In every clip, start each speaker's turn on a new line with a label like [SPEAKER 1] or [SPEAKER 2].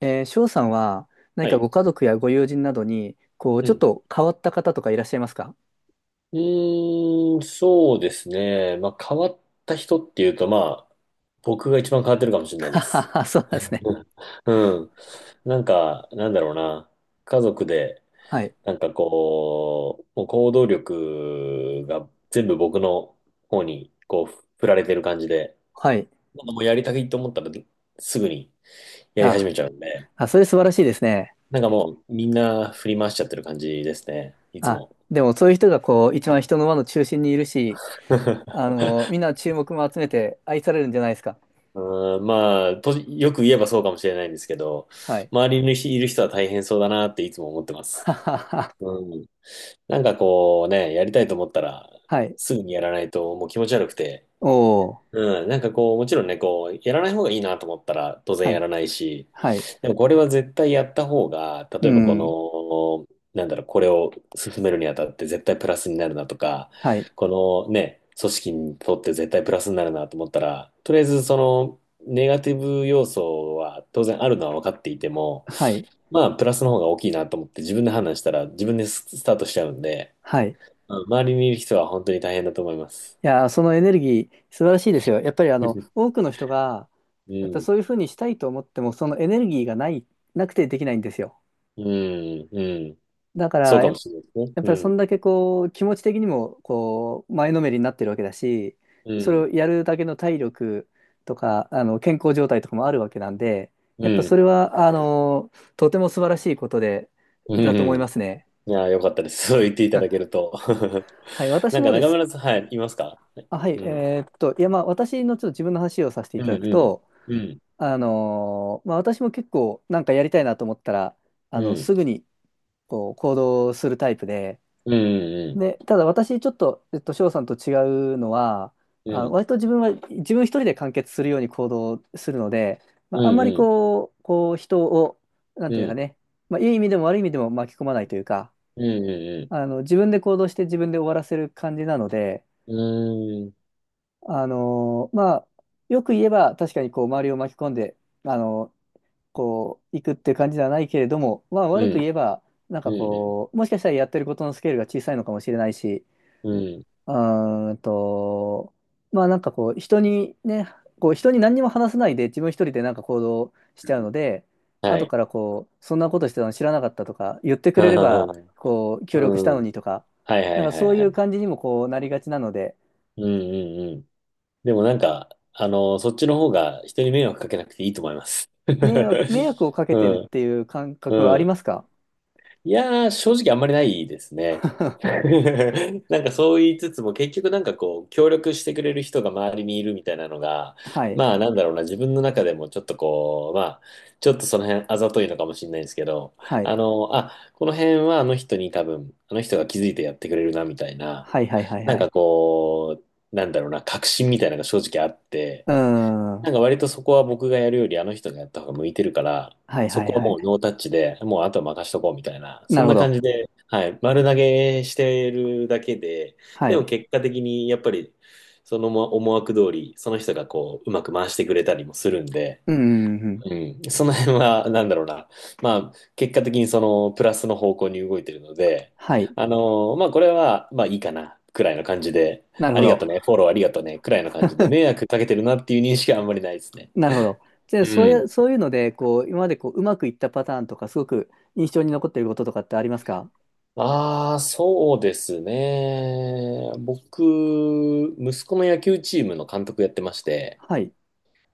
[SPEAKER 1] 翔さんは何
[SPEAKER 2] は
[SPEAKER 1] か
[SPEAKER 2] い。
[SPEAKER 1] ご家族やご友人などに、
[SPEAKER 2] う
[SPEAKER 1] ちょっ
[SPEAKER 2] ん。
[SPEAKER 1] と変わった方とかいらっしゃいますか？
[SPEAKER 2] うーん、そうですね。まあ、変わった人っていうと、まあ、僕が一番変わってるかもしれない
[SPEAKER 1] あ
[SPEAKER 2] で
[SPEAKER 1] は
[SPEAKER 2] す。
[SPEAKER 1] は そうなんですね。
[SPEAKER 2] うん。うんなんか、なんだろうな。家族で、
[SPEAKER 1] はい。
[SPEAKER 2] なんかこう、もう行動力が全部僕の方に、こう、振られてる感じで、
[SPEAKER 1] はい。
[SPEAKER 2] なんかもうやりたいと思ったら、すぐにやり始
[SPEAKER 1] あ、
[SPEAKER 2] めちゃうんで、
[SPEAKER 1] あ、それ素晴らしいですね。
[SPEAKER 2] なんかもう、みんな振り回しちゃってる感じですね。いつ
[SPEAKER 1] あ、
[SPEAKER 2] も。
[SPEAKER 1] でもそういう人がこう、一番人の輪の中心にいるし、みんな注目も集めて愛されるんじゃないですか？
[SPEAKER 2] うん、まあ、と、よく言えばそうかもしれないんですけど、
[SPEAKER 1] はい。
[SPEAKER 2] 周りにいる人は大変そうだなっていつも思ってま す。
[SPEAKER 1] ははは。
[SPEAKER 2] うん。なんかこうね、やりたいと思ったら、
[SPEAKER 1] はい。
[SPEAKER 2] すぐにやらないともう気持ち悪くて、
[SPEAKER 1] おー。
[SPEAKER 2] うん、なんかこう、もちろんね、こう、やらない方がいいなと思ったら当然
[SPEAKER 1] は
[SPEAKER 2] や
[SPEAKER 1] い。
[SPEAKER 2] らないし、
[SPEAKER 1] はい。
[SPEAKER 2] でもこれは絶対やった方が、
[SPEAKER 1] う
[SPEAKER 2] 例えばこ
[SPEAKER 1] ん。
[SPEAKER 2] の、なんだろう、これを進めるにあたって絶対プラスになるなとか、
[SPEAKER 1] はい。
[SPEAKER 2] このね、組織にとって絶対プラスになるなと思ったら、とりあえずその、ネガティブ要素は当然あるのは分かっていても、
[SPEAKER 1] はい。
[SPEAKER 2] まあ、プラスの方が大きいなと思って自分で判断したら自分でススタートしちゃうんで、
[SPEAKER 1] はい。い
[SPEAKER 2] うん周りにいる人は本当に大変だと思います。
[SPEAKER 1] やー、そのエネルギー素晴らしいですよ。やっぱりあの、多くの人が、
[SPEAKER 2] う
[SPEAKER 1] やっぱ
[SPEAKER 2] ん。
[SPEAKER 1] そういうふうにしたいと思っても、そのエネルギーがない、なくてできないんですよ。
[SPEAKER 2] うん。うん。
[SPEAKER 1] だか
[SPEAKER 2] そう
[SPEAKER 1] ら、
[SPEAKER 2] かもしれないですね。
[SPEAKER 1] やっ
[SPEAKER 2] う
[SPEAKER 1] ぱりそ
[SPEAKER 2] ん。
[SPEAKER 1] んだけこう、気持ち的にも、こう、前のめりになってるわけだし、
[SPEAKER 2] う
[SPEAKER 1] それ
[SPEAKER 2] ん。
[SPEAKER 1] をやるだけの体力とか、健康状態とかもあるわけなんで、
[SPEAKER 2] う
[SPEAKER 1] やっぱそ
[SPEAKER 2] ん。
[SPEAKER 1] れは、とても素晴らしいことで、
[SPEAKER 2] う
[SPEAKER 1] だと思い
[SPEAKER 2] ん。
[SPEAKER 1] ますね。
[SPEAKER 2] いやー、よかったです。そう言っていただけると。
[SPEAKER 1] はい、私
[SPEAKER 2] なんか
[SPEAKER 1] もで
[SPEAKER 2] 中
[SPEAKER 1] す。
[SPEAKER 2] 村さん、はい、いますか？
[SPEAKER 1] あ、はい、
[SPEAKER 2] うん。
[SPEAKER 1] いや、まあ、私のちょっと自分の話をさせてい
[SPEAKER 2] う
[SPEAKER 1] た
[SPEAKER 2] ん。う
[SPEAKER 1] だく
[SPEAKER 2] ん。
[SPEAKER 1] と、
[SPEAKER 2] うん。
[SPEAKER 1] まあ、私も結構なんかやりたいなと思ったら、
[SPEAKER 2] うん。
[SPEAKER 1] すぐに、こう行動するタイプで、
[SPEAKER 2] うん。うん。
[SPEAKER 1] で、ただ私ちょっと、翔さんと違うのは、
[SPEAKER 2] う
[SPEAKER 1] あ、
[SPEAKER 2] ん。
[SPEAKER 1] 割と自分は自分一人で完結するように行動するので、ま
[SPEAKER 2] う
[SPEAKER 1] あ、あんまり
[SPEAKER 2] ん。
[SPEAKER 1] こう、人を、なん
[SPEAKER 2] う
[SPEAKER 1] ていうのか
[SPEAKER 2] ん。
[SPEAKER 1] ね、まあ、いい意味でも悪い意味でも巻き込まないというか、
[SPEAKER 2] うん。うん。
[SPEAKER 1] 自分で行動して自分で終わらせる感じなので、
[SPEAKER 2] うん。うん。
[SPEAKER 1] あのまあ、よく言えば確かにこう周りを巻き込んで、あのこう、行くって感じではないけれども、まあ悪く言えば、なん
[SPEAKER 2] う
[SPEAKER 1] か
[SPEAKER 2] ん。
[SPEAKER 1] こう、もしかしたらやってることのスケールが小さいのかもしれないし、
[SPEAKER 2] うん。
[SPEAKER 1] うーんと、まあなんかこう、人にね、こう、人に何にも話さないで自分一人でなんか行動しちゃうので、
[SPEAKER 2] は
[SPEAKER 1] 後
[SPEAKER 2] い。
[SPEAKER 1] からこう、そんなことしてたの知らなかったとか、言ってくれれば、
[SPEAKER 2] う
[SPEAKER 1] こう、協力した
[SPEAKER 2] ん。
[SPEAKER 1] のにとか、
[SPEAKER 2] はいは
[SPEAKER 1] なん
[SPEAKER 2] い
[SPEAKER 1] か
[SPEAKER 2] はい
[SPEAKER 1] そう
[SPEAKER 2] は
[SPEAKER 1] いう
[SPEAKER 2] い。
[SPEAKER 1] 感じにもこうなりがちなので、
[SPEAKER 2] うんうんうん。でもなんか、あの、そっちの方が人に迷惑かけなくていいと思います。
[SPEAKER 1] 迷惑をか け
[SPEAKER 2] う
[SPEAKER 1] てるっ
[SPEAKER 2] ん。
[SPEAKER 1] ていう感
[SPEAKER 2] う
[SPEAKER 1] 覚はありま
[SPEAKER 2] ん。
[SPEAKER 1] すか？
[SPEAKER 2] いやー、正直あんまりないですね。なんかそう言いつつも結局なんかこう協力してくれる人が周りにいるみたいなのが
[SPEAKER 1] はい。
[SPEAKER 2] まあなんだろうな、自分の中でもちょっとこうまあちょっとその辺あざといのかもしれないですけど、
[SPEAKER 1] はい。
[SPEAKER 2] この辺はあの人に多分あの人が気づいてやってくれるなみたいな、
[SPEAKER 1] はいはいはい
[SPEAKER 2] なん
[SPEAKER 1] はい。
[SPEAKER 2] かこう、なんだろうな、確信みたいなのが正直あって、
[SPEAKER 1] うーん。
[SPEAKER 2] なんか割とそこは僕がやるよりあの人がやった方が向いてるから、
[SPEAKER 1] はい
[SPEAKER 2] そ
[SPEAKER 1] はい
[SPEAKER 2] こは
[SPEAKER 1] はい。
[SPEAKER 2] もうノータッチで、もうあとは任しとこうみたいな、
[SPEAKER 1] な
[SPEAKER 2] そん
[SPEAKER 1] るほ
[SPEAKER 2] な感
[SPEAKER 1] ど。
[SPEAKER 2] じで、はい、丸投げしてるだけで、
[SPEAKER 1] は
[SPEAKER 2] でも
[SPEAKER 1] い。
[SPEAKER 2] 結果的にやっぱりその思思惑通り、その人がこう、うまく回してくれたりもするんで、
[SPEAKER 1] うんうんうん。
[SPEAKER 2] うん、その辺はなんだろうな、まあ結果的にそのプラスの方向に動いてるので、
[SPEAKER 1] はい。
[SPEAKER 2] あのまあこれはまあいいかな、くらいの感じで、
[SPEAKER 1] なる
[SPEAKER 2] あ
[SPEAKER 1] ほ
[SPEAKER 2] りが
[SPEAKER 1] ど。
[SPEAKER 2] とね、フォローありがとね、くらいの感じで、迷惑かけてるなっていう認識はあんまりないですね。
[SPEAKER 1] なるほど。で、
[SPEAKER 2] うん。
[SPEAKER 1] そういうので、こう、今までこう、うまくいったパターンとか、すごく印象に残っていることとかってありますか？
[SPEAKER 2] ああ、そうですね。僕、息子の野球チームの監督やってまして、
[SPEAKER 1] はい。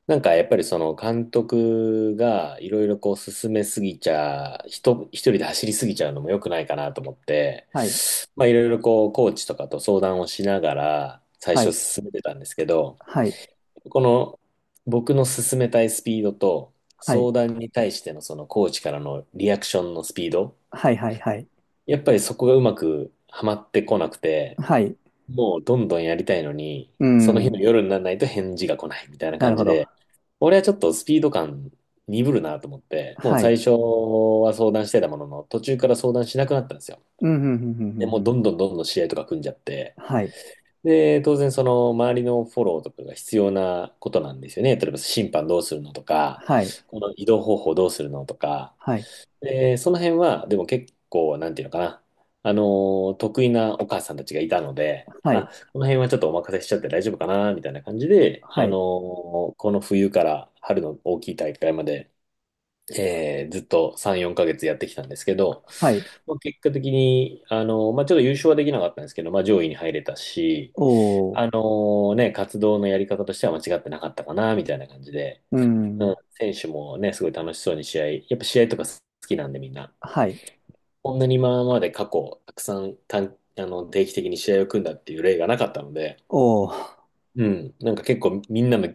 [SPEAKER 2] なんかやっぱりその監督がいろいろこう進めすぎちゃ、人、一人で走りすぎちゃうのも良くないかなと思って、
[SPEAKER 1] はい。
[SPEAKER 2] まあいろいろこうコーチとかと相談をしながら最
[SPEAKER 1] は
[SPEAKER 2] 初
[SPEAKER 1] い。
[SPEAKER 2] 進めてたんですけど、
[SPEAKER 1] はい。
[SPEAKER 2] この僕の進めたいスピードと
[SPEAKER 1] はい。
[SPEAKER 2] 相談に対してのそのコーチからのリアクションのスピード、
[SPEAKER 1] はいはいはい。
[SPEAKER 2] やっぱりそこがうまくはまってこなくて、
[SPEAKER 1] はい。
[SPEAKER 2] もうどんどんやりたいのに、
[SPEAKER 1] う
[SPEAKER 2] その日
[SPEAKER 1] ん。
[SPEAKER 2] の夜にならないと返事が来ないみたいな
[SPEAKER 1] なる
[SPEAKER 2] 感
[SPEAKER 1] ほ
[SPEAKER 2] じ
[SPEAKER 1] ど。
[SPEAKER 2] で、俺はちょっとスピード感鈍るなと思って、もう
[SPEAKER 1] はい。
[SPEAKER 2] 最初は相談してたものの、途中から相談しなくなったんですよ。
[SPEAKER 1] うん、うん、うん、うん、う
[SPEAKER 2] で、
[SPEAKER 1] ん
[SPEAKER 2] も
[SPEAKER 1] う
[SPEAKER 2] うど
[SPEAKER 1] ん。
[SPEAKER 2] んどんどんどん試合とか組んじゃって、
[SPEAKER 1] はい。
[SPEAKER 2] で、当然その周りのフォローとかが必要なことなんですよね。例えば審判どうするのとか、
[SPEAKER 1] はい。
[SPEAKER 2] この移動方法どうするのとか、
[SPEAKER 1] はい。
[SPEAKER 2] で、その辺は、でも結構、なんていうのかな。あの得意なお母さんたちがいたので、
[SPEAKER 1] はい。
[SPEAKER 2] あ、この辺はちょっとお任せしちゃって大丈夫かな、みたいな感じで、
[SPEAKER 1] はい。
[SPEAKER 2] この冬から春の大きい大会まで、ずっと3、4ヶ月やってきたんですけど、
[SPEAKER 1] はい。
[SPEAKER 2] まあ、結果的に、まあ、ちょっと優勝はできなかったんですけど、まあ、上位に入れたし、
[SPEAKER 1] おー。
[SPEAKER 2] あのね、活動のやり方としては間違ってなかったかな、みたいな感じで、
[SPEAKER 1] うんうんう
[SPEAKER 2] うん、
[SPEAKER 1] ん
[SPEAKER 2] 選手もね、すごい楽しそうに試合、やっぱ試合とか好きなんでみんな、
[SPEAKER 1] はい。
[SPEAKER 2] こんなに今まで過去、たくさん短あの定期的に試合を組んだっていう例がなかったので、
[SPEAKER 1] おー。
[SPEAKER 2] うん、なんか結構みんなの、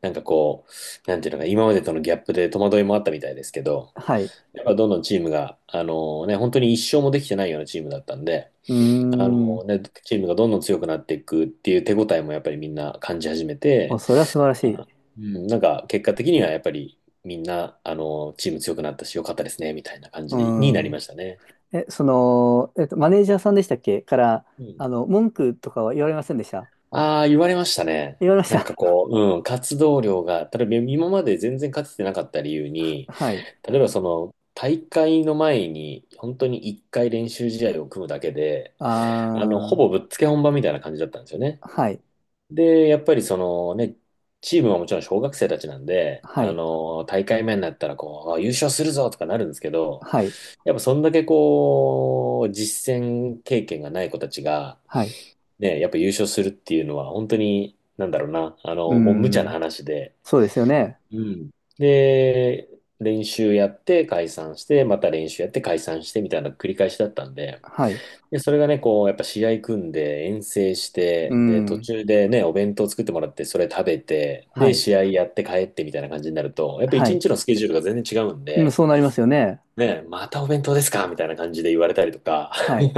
[SPEAKER 2] なんかこう、なんていうのか、今までとのギャップで戸惑いもあったみたいですけど、
[SPEAKER 1] はい。
[SPEAKER 2] やっぱどんどんチームが、あのね、本当に一勝もできてないようなチームだったんで、
[SPEAKER 1] うー
[SPEAKER 2] あの
[SPEAKER 1] ん。
[SPEAKER 2] ね、チームがどんどん強くなっていくっていう手応えもやっぱりみんな感じ始め
[SPEAKER 1] お、
[SPEAKER 2] て、
[SPEAKER 1] それは素晴らしい。
[SPEAKER 2] あうん、なんか結果的にはやっぱりみんな、あの、チーム強くなったし、良かったですね、みたいな感
[SPEAKER 1] う
[SPEAKER 2] じになりま
[SPEAKER 1] ん。
[SPEAKER 2] したね。
[SPEAKER 1] え、その、マネージャーさんでしたっけから、
[SPEAKER 2] うん。
[SPEAKER 1] 文句とかは言われませんでした？
[SPEAKER 2] ああ、言われましたね。
[SPEAKER 1] 言われまし
[SPEAKER 2] なんか
[SPEAKER 1] た。
[SPEAKER 2] こう、うん、活動量が、例えば今まで全然勝ててなかった理由 に、
[SPEAKER 1] はい。
[SPEAKER 2] 例えばその、大会の前に、本当に一回練習試合を組むだけで、
[SPEAKER 1] あ
[SPEAKER 2] あの、ほ
[SPEAKER 1] ー、
[SPEAKER 2] ぼぶっつけ本番みたいな感じだったんですよね。
[SPEAKER 1] はい。
[SPEAKER 2] で、やっぱりそのね、チームはもちろん小学生たちなんで、
[SPEAKER 1] は
[SPEAKER 2] あ
[SPEAKER 1] い。
[SPEAKER 2] の、大会目になったらこう、あ優勝するぞとかなるんですけど、
[SPEAKER 1] はい。
[SPEAKER 2] やっぱそんだけこう、実践経験がない子たちが、
[SPEAKER 1] はい。
[SPEAKER 2] ね、やっぱ優勝するっていうのは本当に、なんだろうな、あ
[SPEAKER 1] う
[SPEAKER 2] の、もう無茶な
[SPEAKER 1] ん。
[SPEAKER 2] 話で、
[SPEAKER 1] そうですよね。
[SPEAKER 2] うん。で、練習やって解散して、また練習やって解散してみたいな繰り返しだったんで、
[SPEAKER 1] はい。
[SPEAKER 2] で、それがね、こう、やっぱ試合組んで遠征し
[SPEAKER 1] う
[SPEAKER 2] て、で、途
[SPEAKER 1] ん。
[SPEAKER 2] 中でね、お弁当作ってもらって、それ食べて、
[SPEAKER 1] は
[SPEAKER 2] で、
[SPEAKER 1] い。
[SPEAKER 2] 試合やって帰ってみたいな感じになると、やっぱ
[SPEAKER 1] は
[SPEAKER 2] 一
[SPEAKER 1] い。
[SPEAKER 2] 日のスケジュールが全然違うん
[SPEAKER 1] うん、
[SPEAKER 2] で、
[SPEAKER 1] そうなりますよね。
[SPEAKER 2] ね、またお弁当ですかみたいな感じで言われたりとか、
[SPEAKER 1] はい。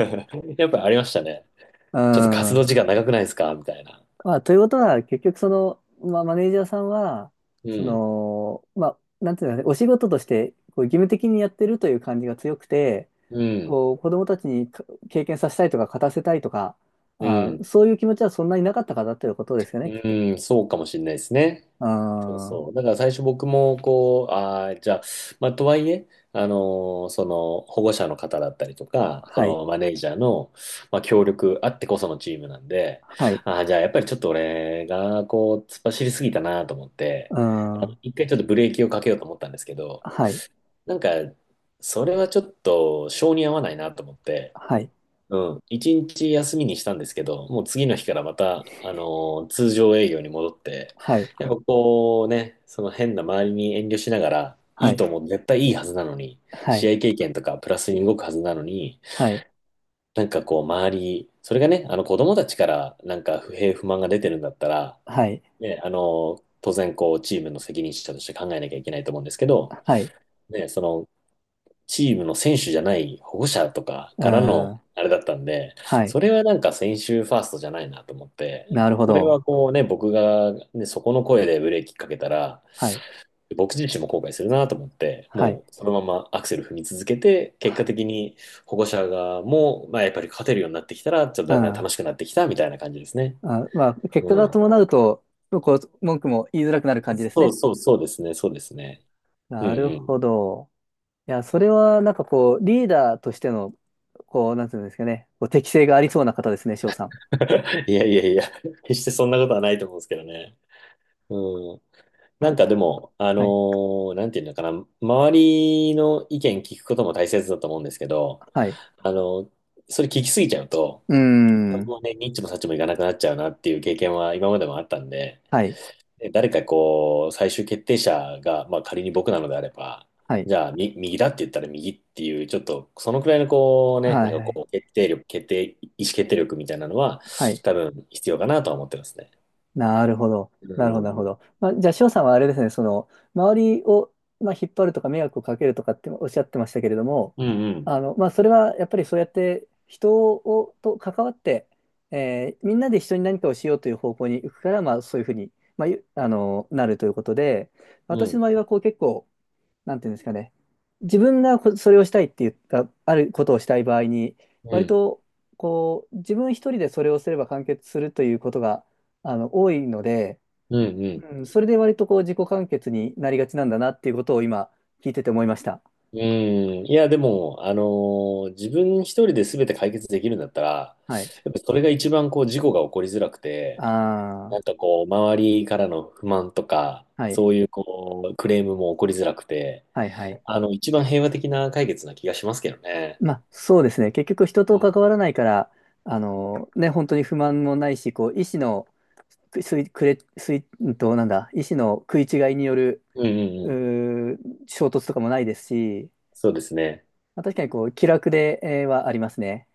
[SPEAKER 2] やっぱありましたね。
[SPEAKER 1] う
[SPEAKER 2] ちょっと活動
[SPEAKER 1] ん。
[SPEAKER 2] 時間長くないですかみたいな。
[SPEAKER 1] まあ、ということは、結局、その、まあ、マネージャーさんは、
[SPEAKER 2] う
[SPEAKER 1] そ
[SPEAKER 2] ん、
[SPEAKER 1] の、まあ、なんていうのかね、お仕事として、こう義務的にやってるという感じが強くて、
[SPEAKER 2] うん、
[SPEAKER 1] こう、子供たちにか経験させたいとか、勝たせたいとか、
[SPEAKER 2] う
[SPEAKER 1] あ
[SPEAKER 2] ん、
[SPEAKER 1] ー、そういう気持ちはそんなになかったからということですよね、きっと。
[SPEAKER 2] うん、そうかもしれないですね。
[SPEAKER 1] うー
[SPEAKER 2] そう
[SPEAKER 1] ん。
[SPEAKER 2] そう。だから最初僕も、こう、ああ、じゃあ、まあ、とはいえ、その、保護者の方だったりとか、そ
[SPEAKER 1] はい。
[SPEAKER 2] の、マネージャーの、まあ、協力あってこそのチームなんで、
[SPEAKER 1] はい。
[SPEAKER 2] ああ、じゃあ、やっぱりちょっと俺が、こう、突っ走りすぎたなと思っ
[SPEAKER 1] う
[SPEAKER 2] て、
[SPEAKER 1] ー
[SPEAKER 2] あの
[SPEAKER 1] ん。
[SPEAKER 2] 一回ちょっとブレーキをかけようと思ったんですけど、
[SPEAKER 1] はい。
[SPEAKER 2] なんか、それはちょっと、性に合わないなと思って、
[SPEAKER 1] はい。
[SPEAKER 2] うん。一日休みにしたんですけど、もう次の日からまた、通常営業に戻って、
[SPEAKER 1] はい。
[SPEAKER 2] やっぱこうね、その変な周りに遠慮しながら、い
[SPEAKER 1] は
[SPEAKER 2] い
[SPEAKER 1] い。
[SPEAKER 2] と思う、絶対いいはずなのに、
[SPEAKER 1] はい。
[SPEAKER 2] 試合経験とかプラスに動くはずなのに、
[SPEAKER 1] はい。
[SPEAKER 2] なんかこう周り、それがね、あの子供たちからなんか不平不満が出てるんだったら、
[SPEAKER 1] はい。
[SPEAKER 2] ね、当然こうチームの責任者として考えなきゃいけないと思うんですけど、
[SPEAKER 1] はい。
[SPEAKER 2] ね、そのチームの選手じゃない保護者とか
[SPEAKER 1] う
[SPEAKER 2] から
[SPEAKER 1] ー
[SPEAKER 2] の
[SPEAKER 1] ん。
[SPEAKER 2] あれだったんで、
[SPEAKER 1] はい。
[SPEAKER 2] それはなんか選手ファーストじゃないなと思って、
[SPEAKER 1] なるほ
[SPEAKER 2] これ
[SPEAKER 1] ど。
[SPEAKER 2] はこうね、僕が、ね、そこの声でブレーキかけたら、
[SPEAKER 1] はい。
[SPEAKER 2] 僕自身も後悔するなと思って、
[SPEAKER 1] はい。
[SPEAKER 2] もうそのままアクセル踏み続けて、
[SPEAKER 1] は
[SPEAKER 2] 結果
[SPEAKER 1] い。
[SPEAKER 2] 的に保護者がもう、まあ、やっぱり勝てるようになってきたら、ちょっと
[SPEAKER 1] う
[SPEAKER 2] だんだん
[SPEAKER 1] ん。
[SPEAKER 2] 楽しくなってきたみたいな感じですね。
[SPEAKER 1] あ、まあ、結果
[SPEAKER 2] う
[SPEAKER 1] が
[SPEAKER 2] ん。
[SPEAKER 1] 伴うと、こう、文句も言いづらくなる感じです
[SPEAKER 2] そう
[SPEAKER 1] ね。
[SPEAKER 2] そうそうですね、そうですね。うん
[SPEAKER 1] なる
[SPEAKER 2] う
[SPEAKER 1] ほ
[SPEAKER 2] ん。
[SPEAKER 1] ど。いや、それはなんかこう、リーダーとしての、こう、なんていうんですかね、こう適性がありそうな方ですね、翔さん。
[SPEAKER 2] いやいやいや、決してそんなことはないと思うんですけどね。うん。なん
[SPEAKER 1] あ、
[SPEAKER 2] かでも、
[SPEAKER 1] はい、
[SPEAKER 2] なんていうのかな、周りの意見聞くことも大切だと思うんですけど、
[SPEAKER 1] はい。
[SPEAKER 2] あのそれ聞きすぎちゃうと、
[SPEAKER 1] うー
[SPEAKER 2] 結
[SPEAKER 1] ん。
[SPEAKER 2] 局ね、ニッチもサッチもいかなくなっちゃうなっていう経験は今までもあったんで、
[SPEAKER 1] はい、
[SPEAKER 2] で誰かこう、最終決定者が、まあ仮に僕なのであれば、
[SPEAKER 1] はい、
[SPEAKER 2] じゃあ、み、右だって言ったら右っていう、ちょっと、そのくらいのこうね、
[SPEAKER 1] は
[SPEAKER 2] なん
[SPEAKER 1] い、
[SPEAKER 2] か
[SPEAKER 1] はい、
[SPEAKER 2] こう、決定力、決定、意思決定力みたいなのは、
[SPEAKER 1] はい。
[SPEAKER 2] 多分必要かなとは思ってますね。
[SPEAKER 1] なるほど。
[SPEAKER 2] う
[SPEAKER 1] なるほど、なるほ
[SPEAKER 2] ん
[SPEAKER 1] ど。まあ、じゃあ、翔さんはあれですね、その、周りを、まあ、引っ張るとか、迷惑をかけるとかっておっしゃってましたけれども、
[SPEAKER 2] うんうん。
[SPEAKER 1] まあ、それはやっぱりそうやってと関わって、えーみんなで一緒に何かをしようという方向に行くから、まあ、そういうふうに、まあ、なるということで、
[SPEAKER 2] うんうん。う
[SPEAKER 1] 私
[SPEAKER 2] ん。
[SPEAKER 1] の場合は、こう、結構、なんていうんですかね、自分がこそれをしたいって言った、あることをしたい場合に、
[SPEAKER 2] う
[SPEAKER 1] 割
[SPEAKER 2] ん
[SPEAKER 1] と、こう、自分一人でそれをすれば完結するということが、多いので、
[SPEAKER 2] うんうん。
[SPEAKER 1] うん、それで割とこう、自己完結になりがちなんだなっていうことを今、聞いてて思いました。
[SPEAKER 2] うん。いや、でも、自分一人で全て解決できるんだったら、
[SPEAKER 1] はい。
[SPEAKER 2] やっぱそれが一番こう事故が起こりづらくて、
[SPEAKER 1] あ
[SPEAKER 2] なんかこう、周りからの不満とか、
[SPEAKER 1] あ、はい。
[SPEAKER 2] そういうこう、クレームも起こりづらくて、
[SPEAKER 1] はい、はい。
[SPEAKER 2] あの、一番平和的な解決な気がしますけどね。
[SPEAKER 1] まあ、そうですね。結局、人
[SPEAKER 2] う
[SPEAKER 1] と関
[SPEAKER 2] ん。
[SPEAKER 1] わらないから、ね、本当に不満もないし、こう、意思の、くすい、くれ、すい、うんと、なんだ、意思の食い違いによる、
[SPEAKER 2] うんうん
[SPEAKER 1] う
[SPEAKER 2] うん。
[SPEAKER 1] ー衝突とかもないですし、
[SPEAKER 2] そうですね。
[SPEAKER 1] まあ、確かにこう気楽ではありますね。